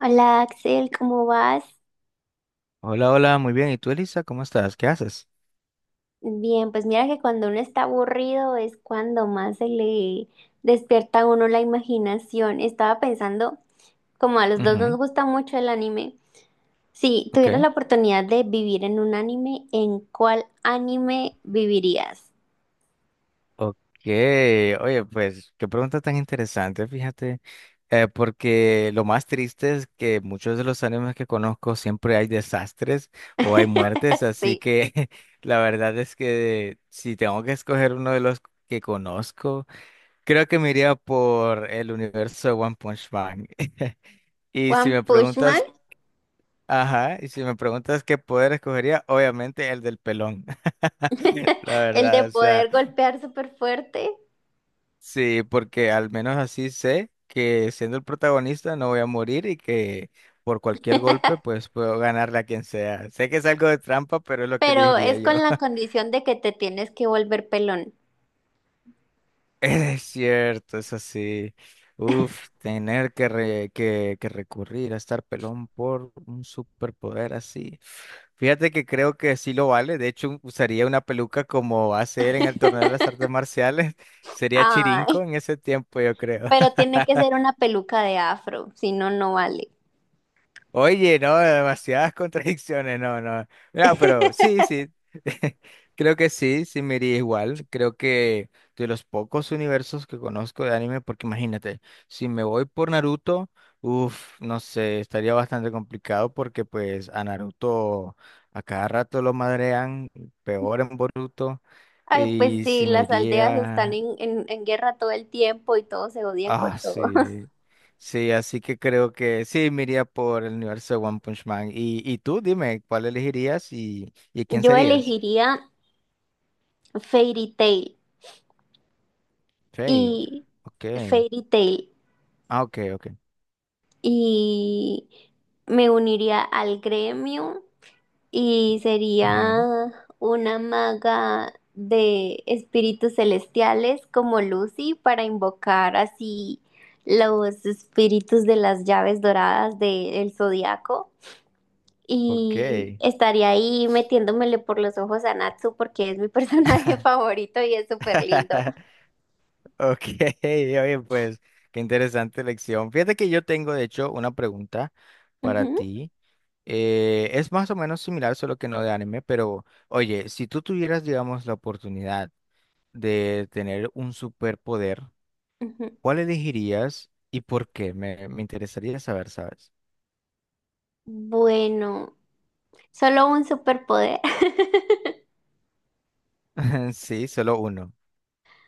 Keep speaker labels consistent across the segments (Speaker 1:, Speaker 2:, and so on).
Speaker 1: Hola Axel, ¿cómo vas?
Speaker 2: Hola, hola, muy bien. ¿Y tú, Elisa? ¿Cómo estás? ¿Qué haces?
Speaker 1: Bien, pues mira que cuando uno está aburrido es cuando más se le despierta a uno la imaginación. Estaba pensando, como a los dos nos
Speaker 2: Ujú.
Speaker 1: gusta mucho el anime, si
Speaker 2: Ok.
Speaker 1: tuvieras la oportunidad de vivir en un anime, ¿en cuál anime vivirías?
Speaker 2: Ok. Oye, pues qué pregunta tan interesante, fíjate. Porque lo más triste es que muchos de los animes que conozco siempre hay desastres o hay muertes, así
Speaker 1: Sí,
Speaker 2: que la verdad es que si tengo que escoger uno de los que conozco, creo que me iría por el universo de One Punch Man. Y si
Speaker 1: One
Speaker 2: me
Speaker 1: Punch Man,
Speaker 2: preguntas Ajá, y si me preguntas qué poder escogería, obviamente el del pelón. La
Speaker 1: el de
Speaker 2: verdad, o sea,
Speaker 1: poder golpear súper fuerte,
Speaker 2: sí, porque al menos así sé que siendo el protagonista no voy a morir y que por cualquier golpe pues puedo ganarle a quien sea. Sé que es algo de trampa, pero es lo que le
Speaker 1: pero
Speaker 2: diría
Speaker 1: es
Speaker 2: yo.
Speaker 1: con la condición de que te tienes que volver pelón.
Speaker 2: Es cierto, es así. Uf, que, recurrir a estar pelón por un superpoder así. Fíjate que creo que sí lo vale. De hecho, usaría una peluca como hacer en el torneo de las artes marciales. Sería
Speaker 1: Ay.
Speaker 2: Chirinco en ese tiempo, yo creo.
Speaker 1: Pero tiene que ser una peluca de afro, si no, no vale.
Speaker 2: Oye, no, demasiadas contradicciones, no, no. No, pero sí, sí. Creo que sí, sí me iría igual. Creo que de los pocos universos que conozco de anime, porque imagínate, si me voy por Naruto, uff, no sé, estaría bastante complicado porque pues a Naruto a cada rato lo madrean, peor en Boruto.
Speaker 1: Ay, pues
Speaker 2: Y
Speaker 1: sí,
Speaker 2: si me
Speaker 1: las aldeas están
Speaker 2: iría
Speaker 1: en guerra todo el tiempo y todos se odian con
Speaker 2: Ah,
Speaker 1: todo.
Speaker 2: sí. Sí, así que creo que sí, me iría por el universo de One Punch Man. Y, tú, dime, ¿cuál elegirías y, quién
Speaker 1: Yo
Speaker 2: serías?
Speaker 1: elegiría Fairy Tail
Speaker 2: Fate.
Speaker 1: y
Speaker 2: Ok.
Speaker 1: Fairy Tail
Speaker 2: Ah, ok, ok.
Speaker 1: y me uniría al gremio. Y
Speaker 2: Ujú.
Speaker 1: sería una maga de espíritus celestiales como Lucy para invocar así los espíritus de las llaves doradas del zodiaco.
Speaker 2: Ok.
Speaker 1: Y estaría ahí metiéndomele por los ojos a Natsu porque es mi personaje favorito y es súper lindo.
Speaker 2: Ok, oye, pues, qué interesante elección. Fíjate que yo tengo, de hecho, una pregunta para
Speaker 1: Ujú,
Speaker 2: ti. Es más o menos similar, solo que no de anime, pero oye, si tú tuvieras, digamos, la oportunidad de tener un superpoder,
Speaker 1: ujú.
Speaker 2: ¿cuál elegirías y por qué? Me, interesaría saber, ¿sabes?
Speaker 1: Bueno, solo un superpoder.
Speaker 2: Sí, solo uno.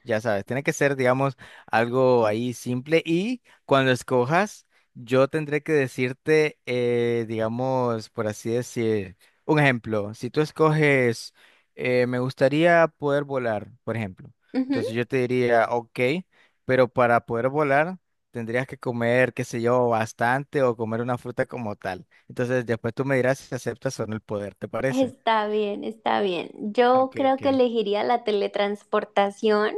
Speaker 2: Ya sabes, tiene que ser, digamos, algo ahí simple y cuando escojas, yo tendré que decirte, digamos, por así decir, un ejemplo. Si tú escoges, me gustaría poder volar, por ejemplo.
Speaker 1: Ujú.
Speaker 2: Entonces yo te diría, ok, pero para poder volar tendrías que comer, qué sé yo, bastante o comer una fruta como tal. Entonces después tú me dirás si aceptas o no el poder, ¿te parece?
Speaker 1: Está bien, está bien. Yo
Speaker 2: Ok,
Speaker 1: creo que
Speaker 2: ok.
Speaker 1: elegiría la teletransportación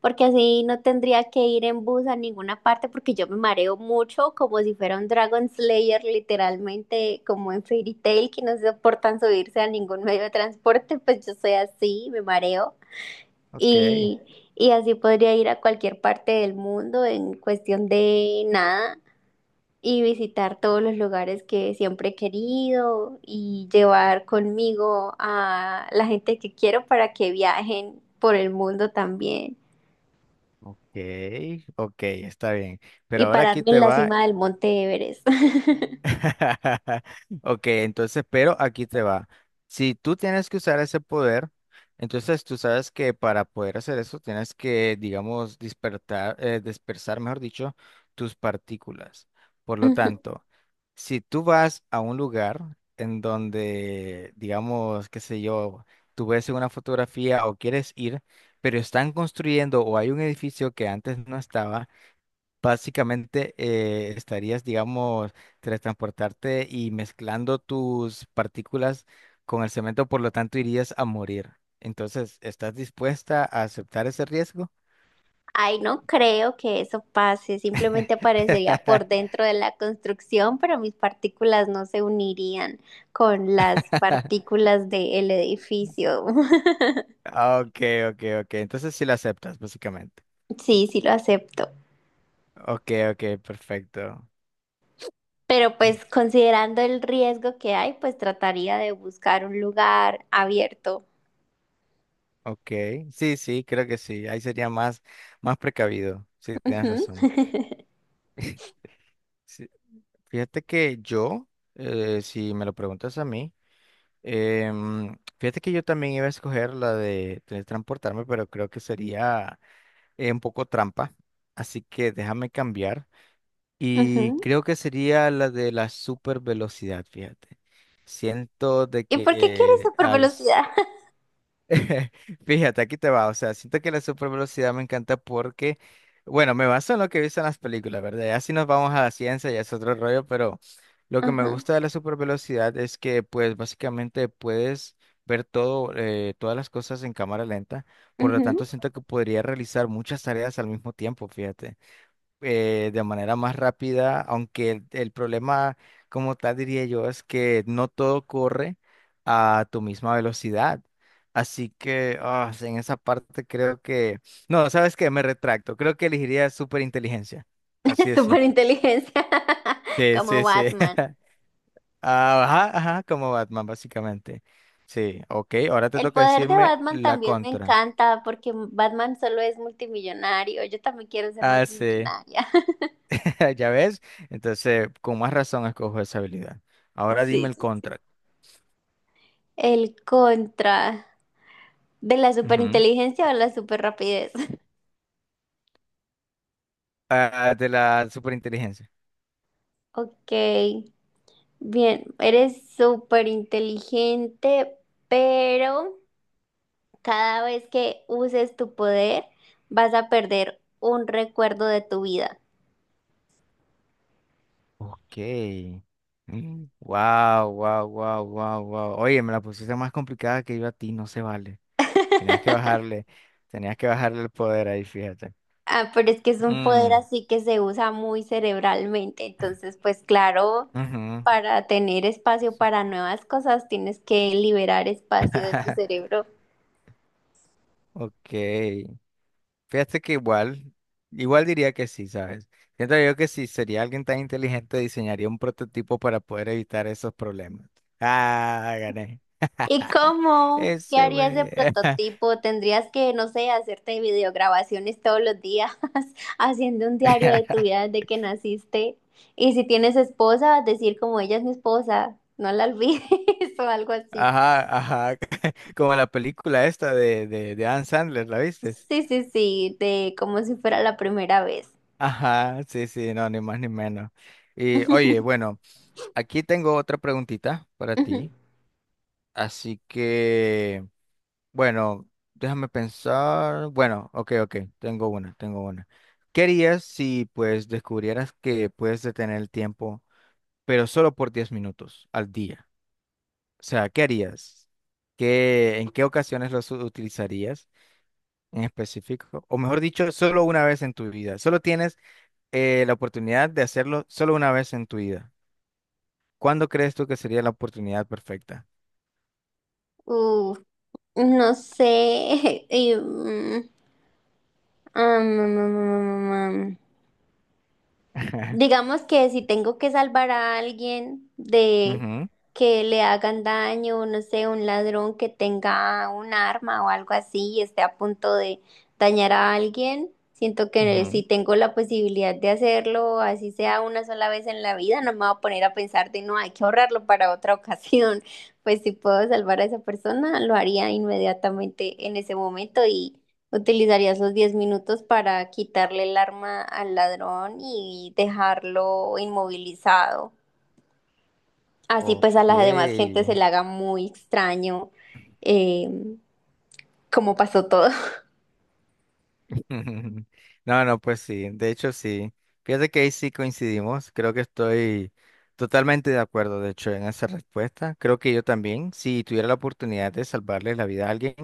Speaker 1: porque así no tendría que ir en bus a ninguna parte porque yo me mareo mucho como si fuera un Dragon Slayer, literalmente como en Fairy Tail que no soportan subirse a ningún medio de transporte. Pues yo soy así, me mareo
Speaker 2: Ok.
Speaker 1: y, y así podría ir a cualquier parte del mundo en cuestión de nada y visitar todos los lugares que siempre he querido y llevar conmigo a la gente que quiero para que viajen por el mundo también
Speaker 2: Ok, ok, está bien. Pero
Speaker 1: y
Speaker 2: ahora aquí
Speaker 1: pararme en
Speaker 2: te
Speaker 1: la
Speaker 2: va.
Speaker 1: cima del monte Everest.
Speaker 2: Ok, entonces, pero aquí te va. Si tú tienes que usar ese poder, entonces tú sabes que para poder hacer eso tienes que, digamos, dispersar, mejor dicho, tus partículas. Por lo
Speaker 1: Ujú.
Speaker 2: tanto, si tú vas a un lugar en donde, digamos, qué sé yo, tú ves una fotografía o quieres ir, pero están construyendo o hay un edificio que antes no estaba, básicamente estarías, digamos, transportarte y mezclando tus partículas con el cemento, por lo tanto irías a morir. Entonces, ¿estás dispuesta a aceptar ese riesgo?
Speaker 1: Ay, no creo que eso pase, simplemente aparecería por dentro de la construcción, pero mis partículas no se unirían con las partículas del edificio.
Speaker 2: Ok, ok, ok. Entonces sí lo aceptas, básicamente.
Speaker 1: Sí, sí lo acepto.
Speaker 2: Ok, ok, perfecto.
Speaker 1: Pero pues considerando el riesgo que hay, pues trataría de buscar un lugar abierto.
Speaker 2: Ok, sí, sí, creo que sí. Ahí sería más, precavido. Sí, tienes
Speaker 1: Ujú.
Speaker 2: razón. Sí, fíjate que yo, si me lo preguntas a mí, fíjate que yo también iba a escoger la de teletransportarme, pero creo que sería un poco trampa. Así que déjame cambiar. Y
Speaker 1: Ujú.
Speaker 2: creo que sería la de la super velocidad, fíjate. Siento de
Speaker 1: ¿Y
Speaker 2: que
Speaker 1: por qué quieres super
Speaker 2: al
Speaker 1: velocidad?
Speaker 2: Fíjate, aquí te va. O sea, siento que la super velocidad me encanta porque, bueno, me baso en lo que he visto en las películas, ¿verdad? Ya si nos vamos a la ciencia, ya es otro rollo, pero lo que me
Speaker 1: Ajá,
Speaker 2: gusta de la super velocidad es que, pues, básicamente puedes ver todo, todas las cosas en cámara lenta. Por lo
Speaker 1: ujú.
Speaker 2: tanto, siento que podría realizar muchas tareas al mismo tiempo, fíjate de manera más rápida, aunque el problema como tal diría yo es que no todo corre a tu misma velocidad. Así que en esa parte creo que... No, ¿sabes qué? Me retracto. Creo que elegiría superinteligencia. Así de
Speaker 1: Super
Speaker 2: simple.
Speaker 1: inteligencia,
Speaker 2: Sí,
Speaker 1: como
Speaker 2: sí, sí.
Speaker 1: Batman.
Speaker 2: Ajá, ajá, como Batman, básicamente. Sí, ok. Ahora te
Speaker 1: El
Speaker 2: toca
Speaker 1: poder de
Speaker 2: decirme
Speaker 1: Batman
Speaker 2: la
Speaker 1: también me
Speaker 2: contra.
Speaker 1: encanta porque Batman solo es multimillonario. Yo también quiero ser
Speaker 2: Ah, sí.
Speaker 1: multimillonaria.
Speaker 2: ¿Ya ves? Entonces, con más razón escojo esa habilidad. Ahora dime
Speaker 1: Sí,
Speaker 2: el
Speaker 1: sí.
Speaker 2: contra.
Speaker 1: El contra de la
Speaker 2: Ujú.
Speaker 1: superinteligencia o la superrapidez.
Speaker 2: De la superinteligencia.
Speaker 1: Ok. Bien, eres súper inteligente, pero cada vez que uses tu poder vas a perder un recuerdo de tu vida.
Speaker 2: Ok. Wow, wow, wow, wow, wow. Oye, me la pusiste más complicada que yo a ti, no se vale. Tenías que bajarle, tenías que bajarle el poder ahí, fíjate.
Speaker 1: Ah, pero es que es un poder
Speaker 2: Mm,
Speaker 1: así que se usa muy cerebralmente, entonces pues claro,
Speaker 2: ujú.
Speaker 1: para tener espacio para nuevas cosas tienes que liberar espacio de tu cerebro.
Speaker 2: Ok. Fíjate que igual, igual diría que sí, ¿sabes? Siento yo que si sería alguien tan inteligente, diseñaría un prototipo para poder evitar esos problemas. Ah, gané.
Speaker 1: ¿Y cómo? ¿Qué
Speaker 2: Ese
Speaker 1: harías de
Speaker 2: güey.
Speaker 1: prototipo? Tendrías que, no sé, hacerte videograbaciones todos los días, haciendo un diario de tu vida desde que naciste. Y si tienes esposa, decir como ella es mi esposa, no la olvides o algo así.
Speaker 2: Ajá, ajá, como la película esta de Adam Sandler, ¿la viste?
Speaker 1: Sí, sí, sí, de como si fuera la primera vez.
Speaker 2: Ajá, sí, sí, no, ni más ni menos. Y oye, bueno, aquí tengo otra preguntita para ti, así que, bueno, déjame pensar, bueno, ok, ok, tengo una. ¿Qué harías si pues descubrieras que puedes detener el tiempo, pero solo por 10 minutos al día? O sea, ¿qué harías? ¿Qué, en qué ocasiones los utilizarías? En específico, o mejor dicho, solo una vez en tu vida. Solo tienes la oportunidad de hacerlo solo una vez en tu vida. ¿Cuándo crees tú que sería la oportunidad perfecta?
Speaker 1: Uf, no sé. Am, am, am, am, am, am. Digamos que si tengo que salvar a alguien de
Speaker 2: Ujú,
Speaker 1: que le hagan daño, no sé, un ladrón que tenga un arma o algo así y esté a punto de dañar a alguien, siento que si
Speaker 2: ujú.
Speaker 1: tengo la posibilidad de hacerlo, así sea una sola vez en la vida, no me voy a poner a pensar de no, hay que ahorrarlo para otra ocasión. Pues si puedo salvar a esa persona, lo haría inmediatamente en ese momento y ¿utilizarías los 10 minutos para quitarle el arma al ladrón y dejarlo inmovilizado? Así pues a
Speaker 2: Ok.
Speaker 1: la demás gente se le haga muy extraño eh, cómo pasó todo.
Speaker 2: No, no, pues sí, de hecho sí. Fíjate que ahí sí coincidimos, creo que estoy totalmente de acuerdo, de hecho, en esa respuesta. Creo que yo también, si tuviera la oportunidad de salvarle la vida a alguien,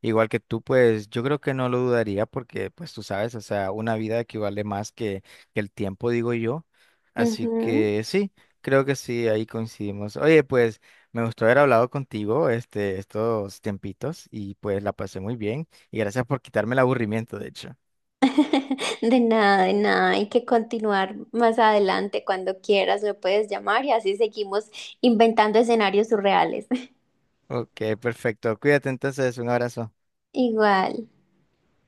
Speaker 2: igual que tú, pues yo creo que no lo dudaría porque, pues tú sabes, o sea, una vida equivale más que, el tiempo, digo yo. Así
Speaker 1: Ujú.
Speaker 2: que sí, creo que sí, ahí coincidimos. Oye, pues me gustó haber hablado contigo estos tiempitos y pues la pasé muy bien. Y gracias por quitarme el aburrimiento, de hecho.
Speaker 1: De nada, de nada. Hay que continuar más adelante cuando quieras, me puedes llamar y así seguimos inventando escenarios surreales.
Speaker 2: Ok, perfecto. Cuídate entonces, un abrazo.
Speaker 1: Igual.